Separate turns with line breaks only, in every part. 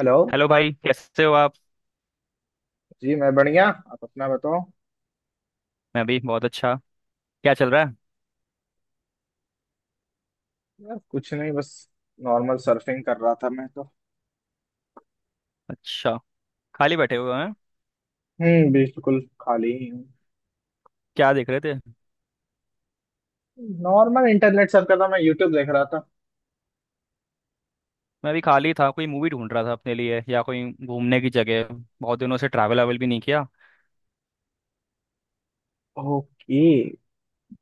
Hello.
Hello भाई, कैसे हो आप?
जी, मैं बढ़िया। आप अपना बताओ।
मैं भी बहुत अच्छा। क्या चल रहा है?
यार कुछ नहीं, बस नॉर्मल सर्फिंग कर रहा था मैं तो।
अच्छा, खाली बैठे हुए हैं।
हम्म, बिल्कुल खाली ही हूँ।
क्या देख रहे थे?
नॉर्मल इंटरनेट सर्फ कर रहा, मैं यूट्यूब देख रहा था।
मैं भी खाली था, कोई मूवी ढूंढ रहा था अपने लिए, या कोई घूमने की जगह। बहुत दिनों से ट्रैवल अवेल भी नहीं किया।
ओके।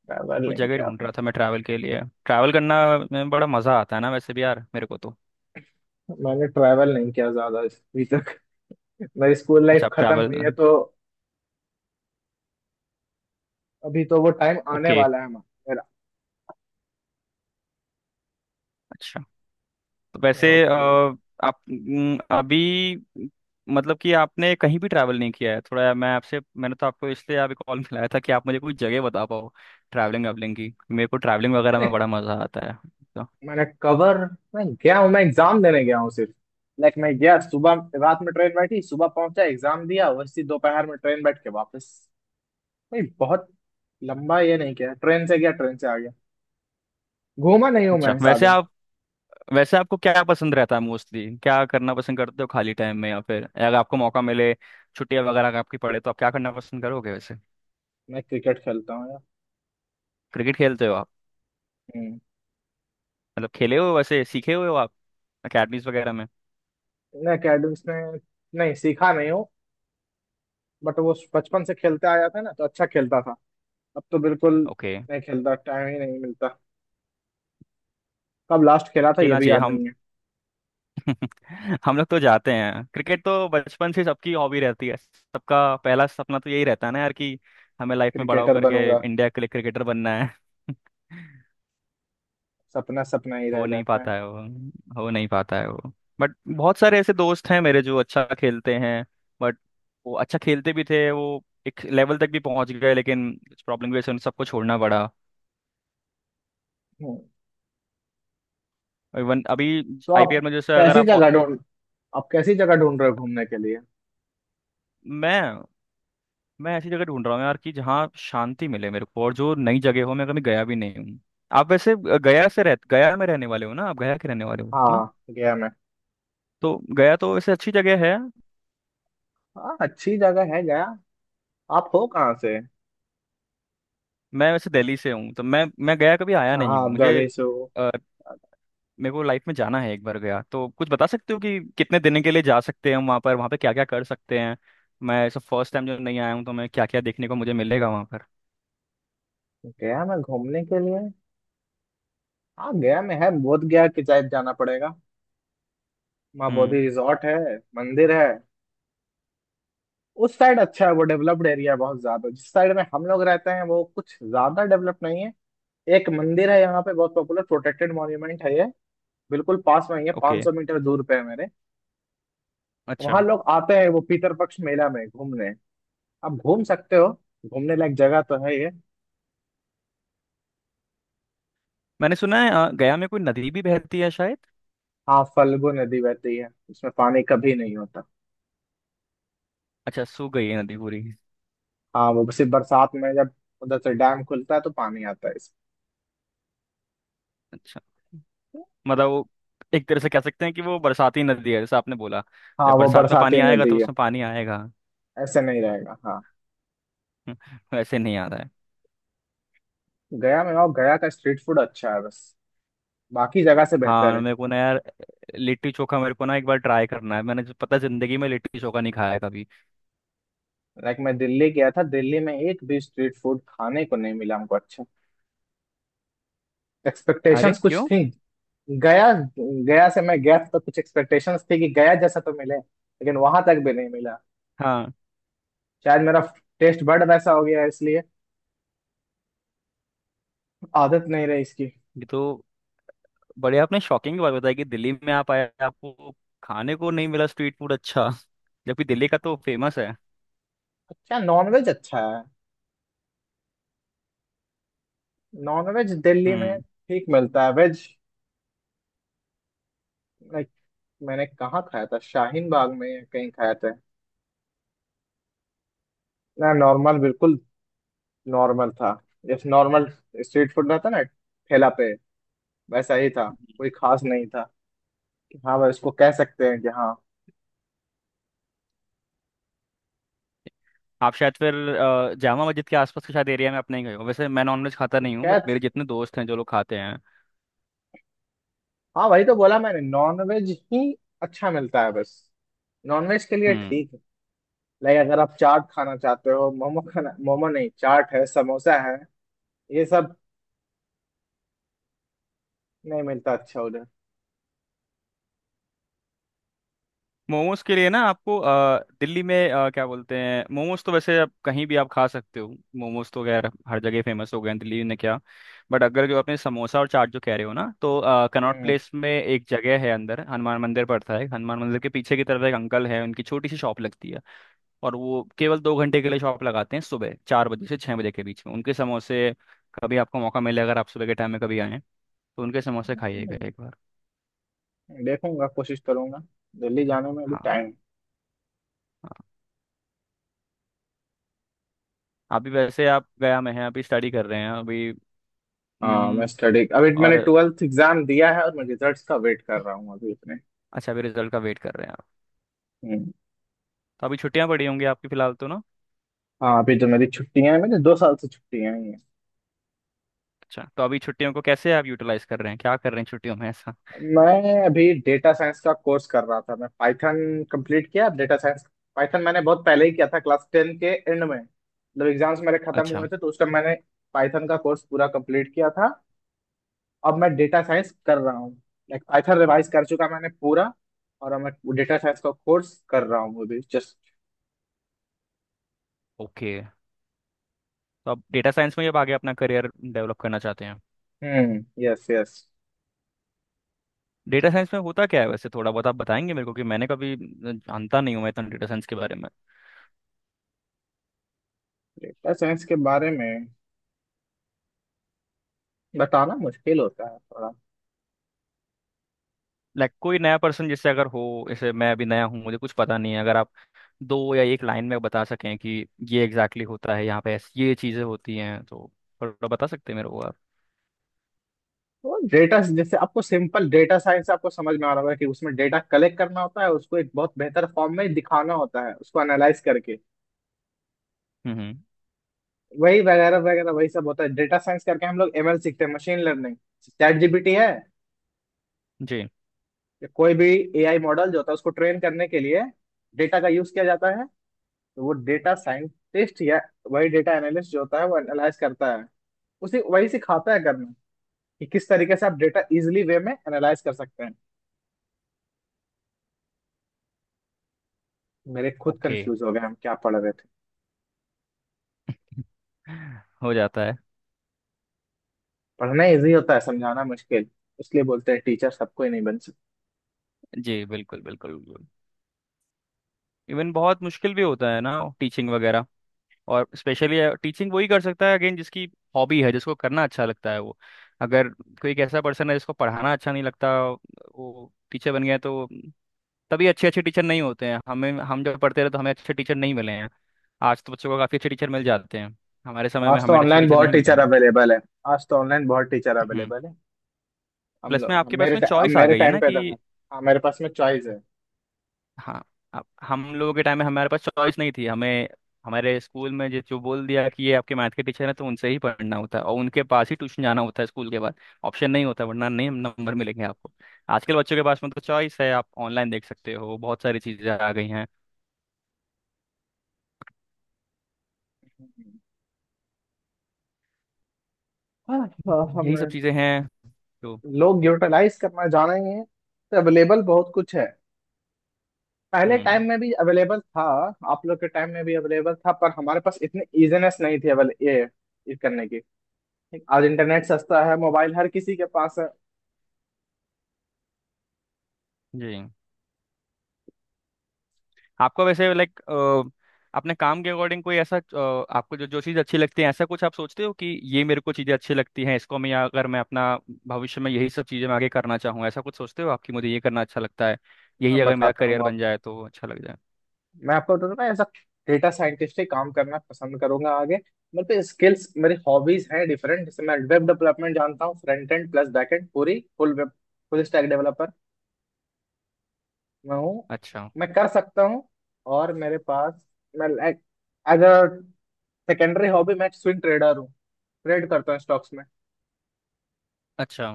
ट्रैवल
कोई
नहीं
जगह
किया
ढूंढ
आपने?
रहा था मैं ट्रैवल के लिए। ट्रैवल करना में बड़ा मज़ा आता है ना, वैसे भी यार मेरे को तो।
मैंने ट्रैवल नहीं किया ज्यादा अभी तक। मेरी स्कूल
अच्छा,
लाइफ
आप
खत्म
ट्रैवल।
हुई है तो। अभी तो वो टाइम आने
ओके।
वाला है हमारा।
अच्छा। तो
मेरा
वैसे
ओके।
आप अभी, मतलब कि आपने कहीं भी ट्रैवल नहीं किया है थोड़ा। मैंने तो आपको इसलिए आप कॉल मिलाया था कि आप मुझे कोई जगह बता पाओ। ट्रैवलिंग वैवलिंग की, मेरे को ट्रैवलिंग वगैरह में
मैंने
बड़ा मज़ा आता है तो।
मैंने कवर। मैं गया हूँ, मैं एग्जाम देने गया हूँ सिर्फ। लाइक मैं गया सुबह, रात में ट्रेन बैठी, सुबह पहुंचा, एग्जाम दिया, वैसे ही दोपहर में ट्रेन बैठ के वापस। नहीं बहुत लंबा ये नहीं किया, ट्रेन से गया, ट्रेन से आ गया। घूमा नहीं हूँ
अच्छा,
मैं ज्यादा।
वैसे आपको क्या पसंद रहता है मोस्टली? क्या करना पसंद करते हो खाली टाइम में, या फिर अगर आपको मौका मिले, छुट्टियां वगैरह अगर आपकी पड़े, तो आप क्या करना पसंद करोगे वैसे?
मैं क्रिकेट खेलता हूँ यार।
क्रिकेट खेलते हो आप?
हम्म।
मतलब खेले हो, वैसे सीखे हुए हो आप, अकेडमीज वगैरह में?
मैं अकेडमिक्स में नहीं सीखा नहीं हूँ, बट वो बचपन से खेलते आया था ना, तो अच्छा खेलता था। अब तो बिल्कुल
ओके।
नहीं खेलता, टाइम ही नहीं मिलता। कब लास्ट खेला था ये
खेलना
भी
चाहिए
याद
हम।
नहीं है।
हम लोग तो जाते हैं, क्रिकेट तो बचपन से सबकी हॉबी रहती है, सबका पहला सपना तो यही रहता है ना यार, कि हमें लाइफ में बड़ा
क्रिकेटर
होकर के
बनूंगा,
इंडिया के लिए क्रिकेटर बनना है।
सपना सपना ही
हो
रह
नहीं
जाता है।
पाता है वो। हो नहीं पाता है वो। बट बहुत सारे ऐसे दोस्त हैं मेरे जो अच्छा खेलते हैं। बट वो अच्छा खेलते भी थे, वो एक लेवल तक भी पहुंच गए, लेकिन कुछ प्रॉब्लम की वजह से उन सबको छोड़ना पड़ा।
हम्म।
इवन अभी
तो आप
आईपीएल में जैसे अगर
कैसी
आप।
जगह ढूंढ आप कैसी जगह ढूंढ रहे हो घूमने के लिए?
मैं मैं ऐसी जगह ढूंढ रहा हूँ यार कि जहाँ शांति मिले मेरे को, और जो नई जगह हो, मैं कभी गया भी नहीं हूँ। आप वैसे गया से रह गया में रहने वाले हो ना, आप गया के रहने वाले हो है ना?
हाँ, गया मैं।
तो गया तो वैसे अच्छी जगह है।
हाँ, अच्छी जगह है गया। आप हो कहाँ से?
मैं वैसे दिल्ली से हूँ, तो मैं गया कभी आया
अच्छा,
नहीं
हाँ,
हूँ
आप
मुझे।
दिल्ली से हो।
अ, मेरे को लाइफ में जाना है एक बार गया। तो कुछ बता सकते हो कि कितने दिन के लिए जा सकते हैं हम वहाँ पर? वहाँ पे क्या क्या कर सकते हैं? मैं सब फर्स्ट टाइम जब नहीं आया हूँ तो मैं क्या क्या देखने को मुझे मिलेगा वहाँ पर?
गया मैं घूमने के लिए। हाँ, गया में है बोध गया, कि शायद जाना पड़ेगा। वहाँ
हम्म।
बोधि रिजॉर्ट है, मंदिर है। उस साइड अच्छा है, वो डेवलप्ड एरिया है बहुत ज्यादा। जिस साइड में हम लोग रहते हैं वो कुछ ज्यादा डेवलप नहीं है। एक मंदिर है यहाँ पे, बहुत पॉपुलर प्रोटेक्टेड मॉन्यूमेंट है ये। बिल्कुल पास में ही है,
ओके।
500 मीटर दूर पे है मेरे।
अच्छा।
वहाँ लोग आते हैं, वो पीतर पक्ष मेला में घूमने। आप घूम सकते हो, घूमने लायक जगह तो है ये।
मैंने सुना है गया में कोई नदी भी बहती है शायद।
हाँ, फल्गु नदी बहती है, उसमें पानी कभी नहीं होता।
अच्छा, सूख गई है नदी पूरी?
हाँ, वो सिर्फ बरसात में, जब उधर से डैम खुलता है तो पानी आता है इसमें।
अच्छा, मतलब वो एक तरह से कह सकते हैं कि वो बरसाती नदी है जैसे आपने बोला।
हाँ
जब
वो
बरसात में
बरसाती
पानी आएगा
नदी
तो
है,
उसमें पानी आएगा।
ऐसे नहीं रहेगा, हाँ।
वैसे नहीं आता है।
गया में, और गया का स्ट्रीट फूड अच्छा है बस, बाकी जगह से बेहतर
हाँ,
है।
मेरे को ना यार, लिट्टी चोखा मेरे को ना एक बार ट्राई करना है। मैंने पता है, जिंदगी में लिट्टी चोखा नहीं खाया कभी।
लाइक मैं दिल्ली गया था, दिल्ली में एक भी स्ट्रीट फूड खाने को नहीं मिला हमको अच्छा।
अरे
एक्सपेक्टेशंस कुछ
क्यों?
थी। गया, गया से मैं गया था तो कुछ एक्सपेक्टेशंस थी कि गया जैसा तो मिले, लेकिन वहां तक भी नहीं मिला।
हाँ।
शायद मेरा टेस्ट बड वैसा हो गया है, इसलिए आदत नहीं रही इसकी।
ये तो बड़े आपने शॉकिंग बात बताई कि दिल्ली में आप आए, आपको खाने को नहीं मिला स्ट्रीट फूड अच्छा, जबकि दिल्ली का तो फेमस है।
अच्छा, नॉनवेज अच्छा है। नॉन वेज दिल्ली में
हम्म।
ठीक मिलता है, वेज। लाइक मैंने कहाँ खाया था, शाहीन बाग में या कहीं खाया था। ना, नॉर्मल, बिल्कुल नॉर्मल था। जैसे नॉर्मल स्ट्रीट फूड रहता है ना, ठेला पे, वैसा ही था, कोई खास नहीं था। कि हाँ भाई इसको कह सकते हैं कि हाँ।
आप शायद फिर जामा मस्जिद के आसपास के शायद एरिया में अपने ही गए हो। वैसे मैं नॉनवेज खाता नहीं हूँ बट
कह,
मेरे जितने दोस्त हैं जो लोग खाते हैं।
हाँ वही तो बोला मैंने, नॉन वेज ही अच्छा मिलता है बस। नॉन वेज के लिए
हम्म।
ठीक है। लाइक अगर आप चाट खाना चाहते हो, मोमो खाना, मोमो नहीं, चाट है, समोसा है, ये सब नहीं मिलता अच्छा उधर।
मोमोज के लिए ना आपको दिल्ली में क्या बोलते हैं, मोमोज तो वैसे आप कहीं भी आप खा सकते हो। मोमोज तो खैर हर जगह फेमस हो गए हैं दिल्ली ने क्या। बट अगर जो आपने समोसा और चाट जो कह रहे हो ना, तो कनॉट प्लेस में एक जगह है, अंदर हनुमान मंदिर पड़ता है। हनुमान मंदिर के पीछे की तरफ एक अंकल है, उनकी छोटी सी शॉप लगती है। और वो केवल 2 घंटे के लिए शॉप लगाते हैं, सुबह 4 बजे से 6 बजे के बीच में। उनके समोसे, कभी आपको मौका मिले, अगर आप सुबह के टाइम में कभी आएँ, तो उनके समोसे खाइएगा
हम्म,
एक बार।
देखूंगा, कोशिश करूंगा। दिल्ली जाने में अभी
हाँ।
टाइम।
अभी वैसे आप गया में हैं, अभी स्टडी कर रहे हैं अभी?
हाँ, मैं
हम्म।
स्टडी, अभी मैंने
और,
12th एग्जाम दिया है और मैं रिजल्ट्स का वेट कर रहा हूँ अभी अपने।
अच्छा, अभी रिजल्ट का वेट कर रहे हैं आप?
हम्म।
तो अभी छुट्टियां पड़ी होंगी आपकी फिलहाल तो ना?
हाँ अभी तो मेरी छुट्टियां हैं, मेरी 2 साल से छुट्टियां ही हैं।
अच्छा, तो अभी छुट्टियों को कैसे आप यूटिलाइज कर रहे हैं, क्या कर रहे हैं छुट्टियों में ऐसा?
मैं अभी डेटा साइंस का कोर्स कर रहा था, मैं पाइथन कंप्लीट किया, डेटा साइंस। पाइथन मैंने बहुत पहले ही किया था, क्लास 10 के एंड में, मतलब एग्जाम्स मेरे खत्म
अच्छा।
हुए थे तो उस टाइम मैंने पाइथन का कोर्स पूरा कंप्लीट किया था। अब मैं डेटा साइंस कर रहा हूँ, लाइक पाइथन रिवाइज कर चुका मैंने पूरा, और अब मैं डेटा साइंस का कोर्स कर रहा हूँ अभी जस्ट।
ओके। तो आप डेटा साइंस में ही अब आगे अपना करियर डेवलप करना चाहते हैं?
हम्म, यस यस।
डेटा साइंस में होता क्या है वैसे, थोड़ा बहुत आप बताएंगे मेरे को? कि मैंने कभी जानता नहीं हूँ मैं इतना डेटा साइंस के बारे में।
डेटा साइंस के बारे में बताना मुश्किल होता है थोड़ा।
लाइक कोई नया पर्सन जैसे अगर हो, जैसे मैं अभी नया हूँ, मुझे कुछ पता नहीं है, अगर आप दो या एक लाइन में बता सकें कि ये एग्जैक्टली exactly होता है यहाँ पे ये चीज़ें होती हैं तो थोड़ा बता सकते हैं मेरे को आप?
तो डेटा, जैसे आपको सिंपल डेटा साइंस आपको समझ में आ रहा होगा कि उसमें डेटा कलेक्ट करना होता है, उसको एक बहुत बेहतर फॉर्म में दिखाना होता है, उसको एनालाइज करके
हम्म। हम्म।
वही वगैरह वगैरह वही सब होता है। डेटा साइंस करके हम लोग एमएल सीखते हैं, मशीन लर्निंग। चैट जीपीटी है
जी।
या कोई भी एआई मॉडल जो होता है उसको ट्रेन करने के लिए डेटा का यूज किया जाता है। तो वो डेटा साइंटिस्ट या वही डेटा एनालिस्ट जो होता है वो एनालाइज करता है। उसी, वही सिखाता है करना कि किस तरीके से आप डेटा इजिली वे में एनालाइज कर सकते हैं। मेरे खुद
ओके।
कंफ्यूज हो गए, हम क्या पढ़ रहे थे।
हो जाता है।
पढ़ना इजी होता है, समझाना मुश्किल। इसलिए बोलते हैं टीचर सबको ही नहीं बन सकते।
जी बिल्कुल बिल्कुल बिल्कुल। इवन बहुत मुश्किल भी होता है ना, टीचिंग वगैरह। और स्पेशली टीचिंग वही कर सकता है अगेन जिसकी हॉबी है, जिसको करना अच्छा लगता है वो। अगर कोई एक ऐसा पर्सन है जिसको पढ़ाना अच्छा नहीं लगता, वो टीचर बन गया है, तो तभी अच्छे अच्छे टीचर नहीं होते हैं हमें। हम जब पढ़ते रहे तो हमें अच्छे टीचर नहीं मिले हैं। आज तो बच्चों को काफ़ी अच्छे टीचर मिल जाते हैं। हमारे समय में
आज तो
हमें अच्छे
ऑनलाइन
टीचर
बहुत
नहीं मिले
टीचर
हैं।
अवेलेबल है। आज तो ऑनलाइन बहुत टीचर
हम्म।
अवेलेबल है। हम
प्लस में
लोग
आपके पास में
अब
चॉइस आ
मेरे
गई है
टाइम
ना
पे
कि?
तो है। हाँ, मेरे पास में चॉइस है।
हाँ। अब हम लोगों के टाइम में हमारे पास चॉइस नहीं थी हमें। हमारे स्कूल में जो जो बोल दिया कि ये आपके मैथ के टीचर हैं, तो उनसे ही पढ़ना होता है और उनके पास ही ट्यूशन जाना होता है स्कूल के बाद। ऑप्शन नहीं होता, वरना नहीं नंबर मिलेंगे आपको। आजकल बच्चों के पास में तो चॉइस है, आप ऑनलाइन देख सकते हो, बहुत सारी चीज़ें आ गई हैं।
हाँ, हाँ, हम
यही सब चीज़ें हैं तो।
लोग यूटिलाइज करना जानेंगे तो अवेलेबल बहुत कुछ है। पहले
हम्म।
टाइम में भी अवेलेबल था, आप लोग के टाइम में भी अवेलेबल था, पर हमारे पास इतने इजीनेस नहीं थे अवेल ये करने की। आज इंटरनेट सस्ता है, मोबाइल हर किसी के पास है।
जी। आपको वैसे लाइक अपने काम के अकॉर्डिंग कोई ऐसा आपको जो जो चीज़ अच्छी लगती है, ऐसा कुछ आप सोचते हो कि ये मेरे को चीज़ें अच्छी लगती हैं इसको मैं, या अगर मैं अपना भविष्य में यही सब चीज़ें मैं आगे करना चाहूँ, ऐसा कुछ सोचते हो आपकी? मुझे ये करना अच्छा लगता है, यही
मैं
अगर मेरा
बताता
करियर
हूँ आप,
बन जाए तो अच्छा लग जाए।
मैं आपको तो ना ऐसा डेटा साइंटिस्ट ही काम करना पसंद करूंगा आगे। मेरे पे स्किल्स, मेरी हॉबीज हैं डिफरेंट। जैसे मैं वेब डेवलपमेंट जानता हूँ, front end plus back end, पूरी full web, full stack developer मैं हूँ,
अच्छा।
मैं कर सकता हूँ। और मेरे पास, मैं like as a secondary hobby मैं स्विंग ट्रेडर हूँ, ट्रेड करता हूँ स्टॉक्स में।
अच्छा।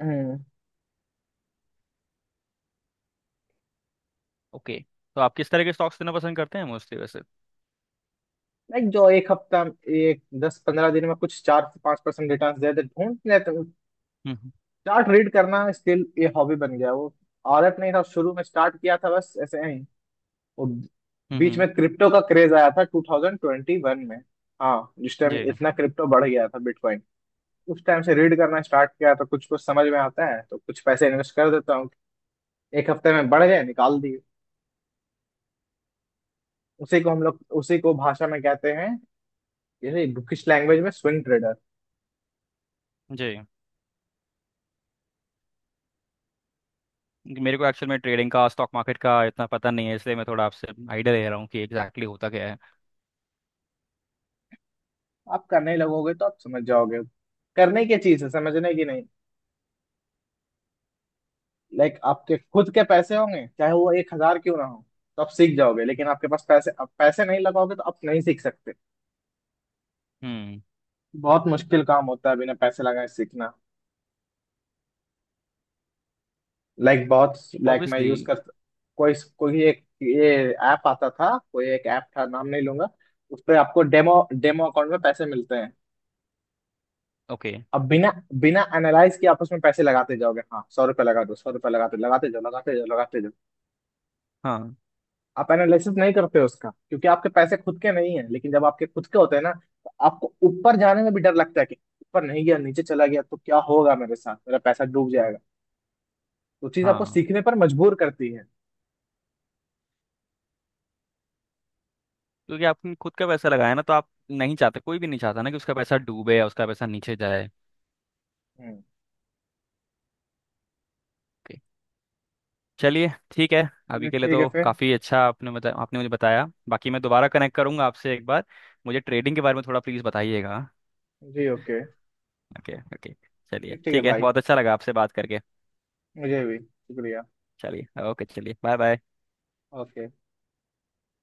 हम्म।
ओके। तो आप किस तरह के स्टॉक्स लेना पसंद करते हैं मोस्टली वैसे?
लाइक जो एक हफ्ता, एक 10-15 दिन में कुछ 4 से 5% रिटर्न दे दे ढूंढ लेते हैं।
हम्म। हम्म।
चार्ट रीड करना स्टिल ये हॉबी बन गया वो। आदत नहीं था, शुरू में स्टार्ट किया था बस ऐसे ही वो।
हम्म, हम्म,
बीच में क्रिप्टो का क्रेज आया था 2021 में, हाँ जिस टाइम
जी।
इतना क्रिप्टो बढ़ गया था बिटकॉइन। उस टाइम से रीड करना स्टार्ट किया, तो कुछ कुछ समझ में आता है, तो कुछ पैसे इन्वेस्ट कर देता हूँ, एक हफ्ते में बढ़ गए निकाल दिए। उसी को हम लोग, उसी को भाषा में कहते हैं जैसे बुकिश लैंग्वेज में, स्विंग ट्रेडर।
जी। क्योंकि मेरे को एक्चुअल में ट्रेडिंग का स्टॉक मार्केट का इतना पता नहीं है, इसलिए मैं थोड़ा आपसे आइडिया ले रहा हूँ कि एग्जैक्टली exactly होता क्या है?
आप करने लगोगे तो आप समझ जाओगे, करने की चीज है, समझने की नहीं। लाइक आपके खुद के पैसे होंगे, चाहे वो 1,000 क्यों ना हो, तो आप सीख जाओगे। लेकिन आपके पास पैसे, आप पैसे नहीं लगाओगे तो आप नहीं सीख सकते।
हम्म।
बहुत मुश्किल काम होता है बिना पैसे लगाए सीखना। लाइक बहुत, लाइक मैं
ऑब्वियसली।
यूज कर, कोई कोई एक ये ऐप आता था, कोई एक ऐप था, नाम नहीं लूंगा। उस पे आपको डेमो, डेमो अकाउंट में पैसे मिलते हैं।
ओके।
अब बिना बिना एनालाइज किए आप उसमें पैसे लगाते जाओगे, हाँ 100 रुपये लगा, 200 रुपये, लगाते लगाते जाओ, लगाते जाओ, लगाते जाओ।
हाँ।
आप एनालिसिस नहीं करते हो उसका, क्योंकि आपके पैसे खुद के नहीं है लेकिन जब आपके खुद के होते हैं ना तो आपको ऊपर जाने में भी डर लगता है कि ऊपर नहीं गया, नीचे चला गया तो क्या होगा मेरे साथ, मेरा पैसा डूब जाएगा। तो चीज आपको
हाँ,
सीखने पर मजबूर करती है।
क्योंकि आपने खुद का पैसा लगाया ना तो आप नहीं चाहते, कोई भी नहीं चाहता ना कि उसका पैसा डूबे या उसका पैसा नीचे जाए।
हम्म।
ओके। चलिए ठीक है। अभी
चलिए
के लिए
ठीक है
तो
फिर।
काफ़ी अच्छा, आपने मुझे बताया। बाकी मैं दोबारा कनेक्ट करूंगा आपसे एक बार, मुझे ट्रेडिंग के बारे में थोड़ा प्लीज़ बताइएगा।
जी ओके।
ओके। ओके। चलिए
ठीक है
ठीक है,
भाई,
बहुत अच्छा लगा आपसे बात करके।
मुझे भी शुक्रिया।
चलिए ओके चलिए बाय बाय।
ओके।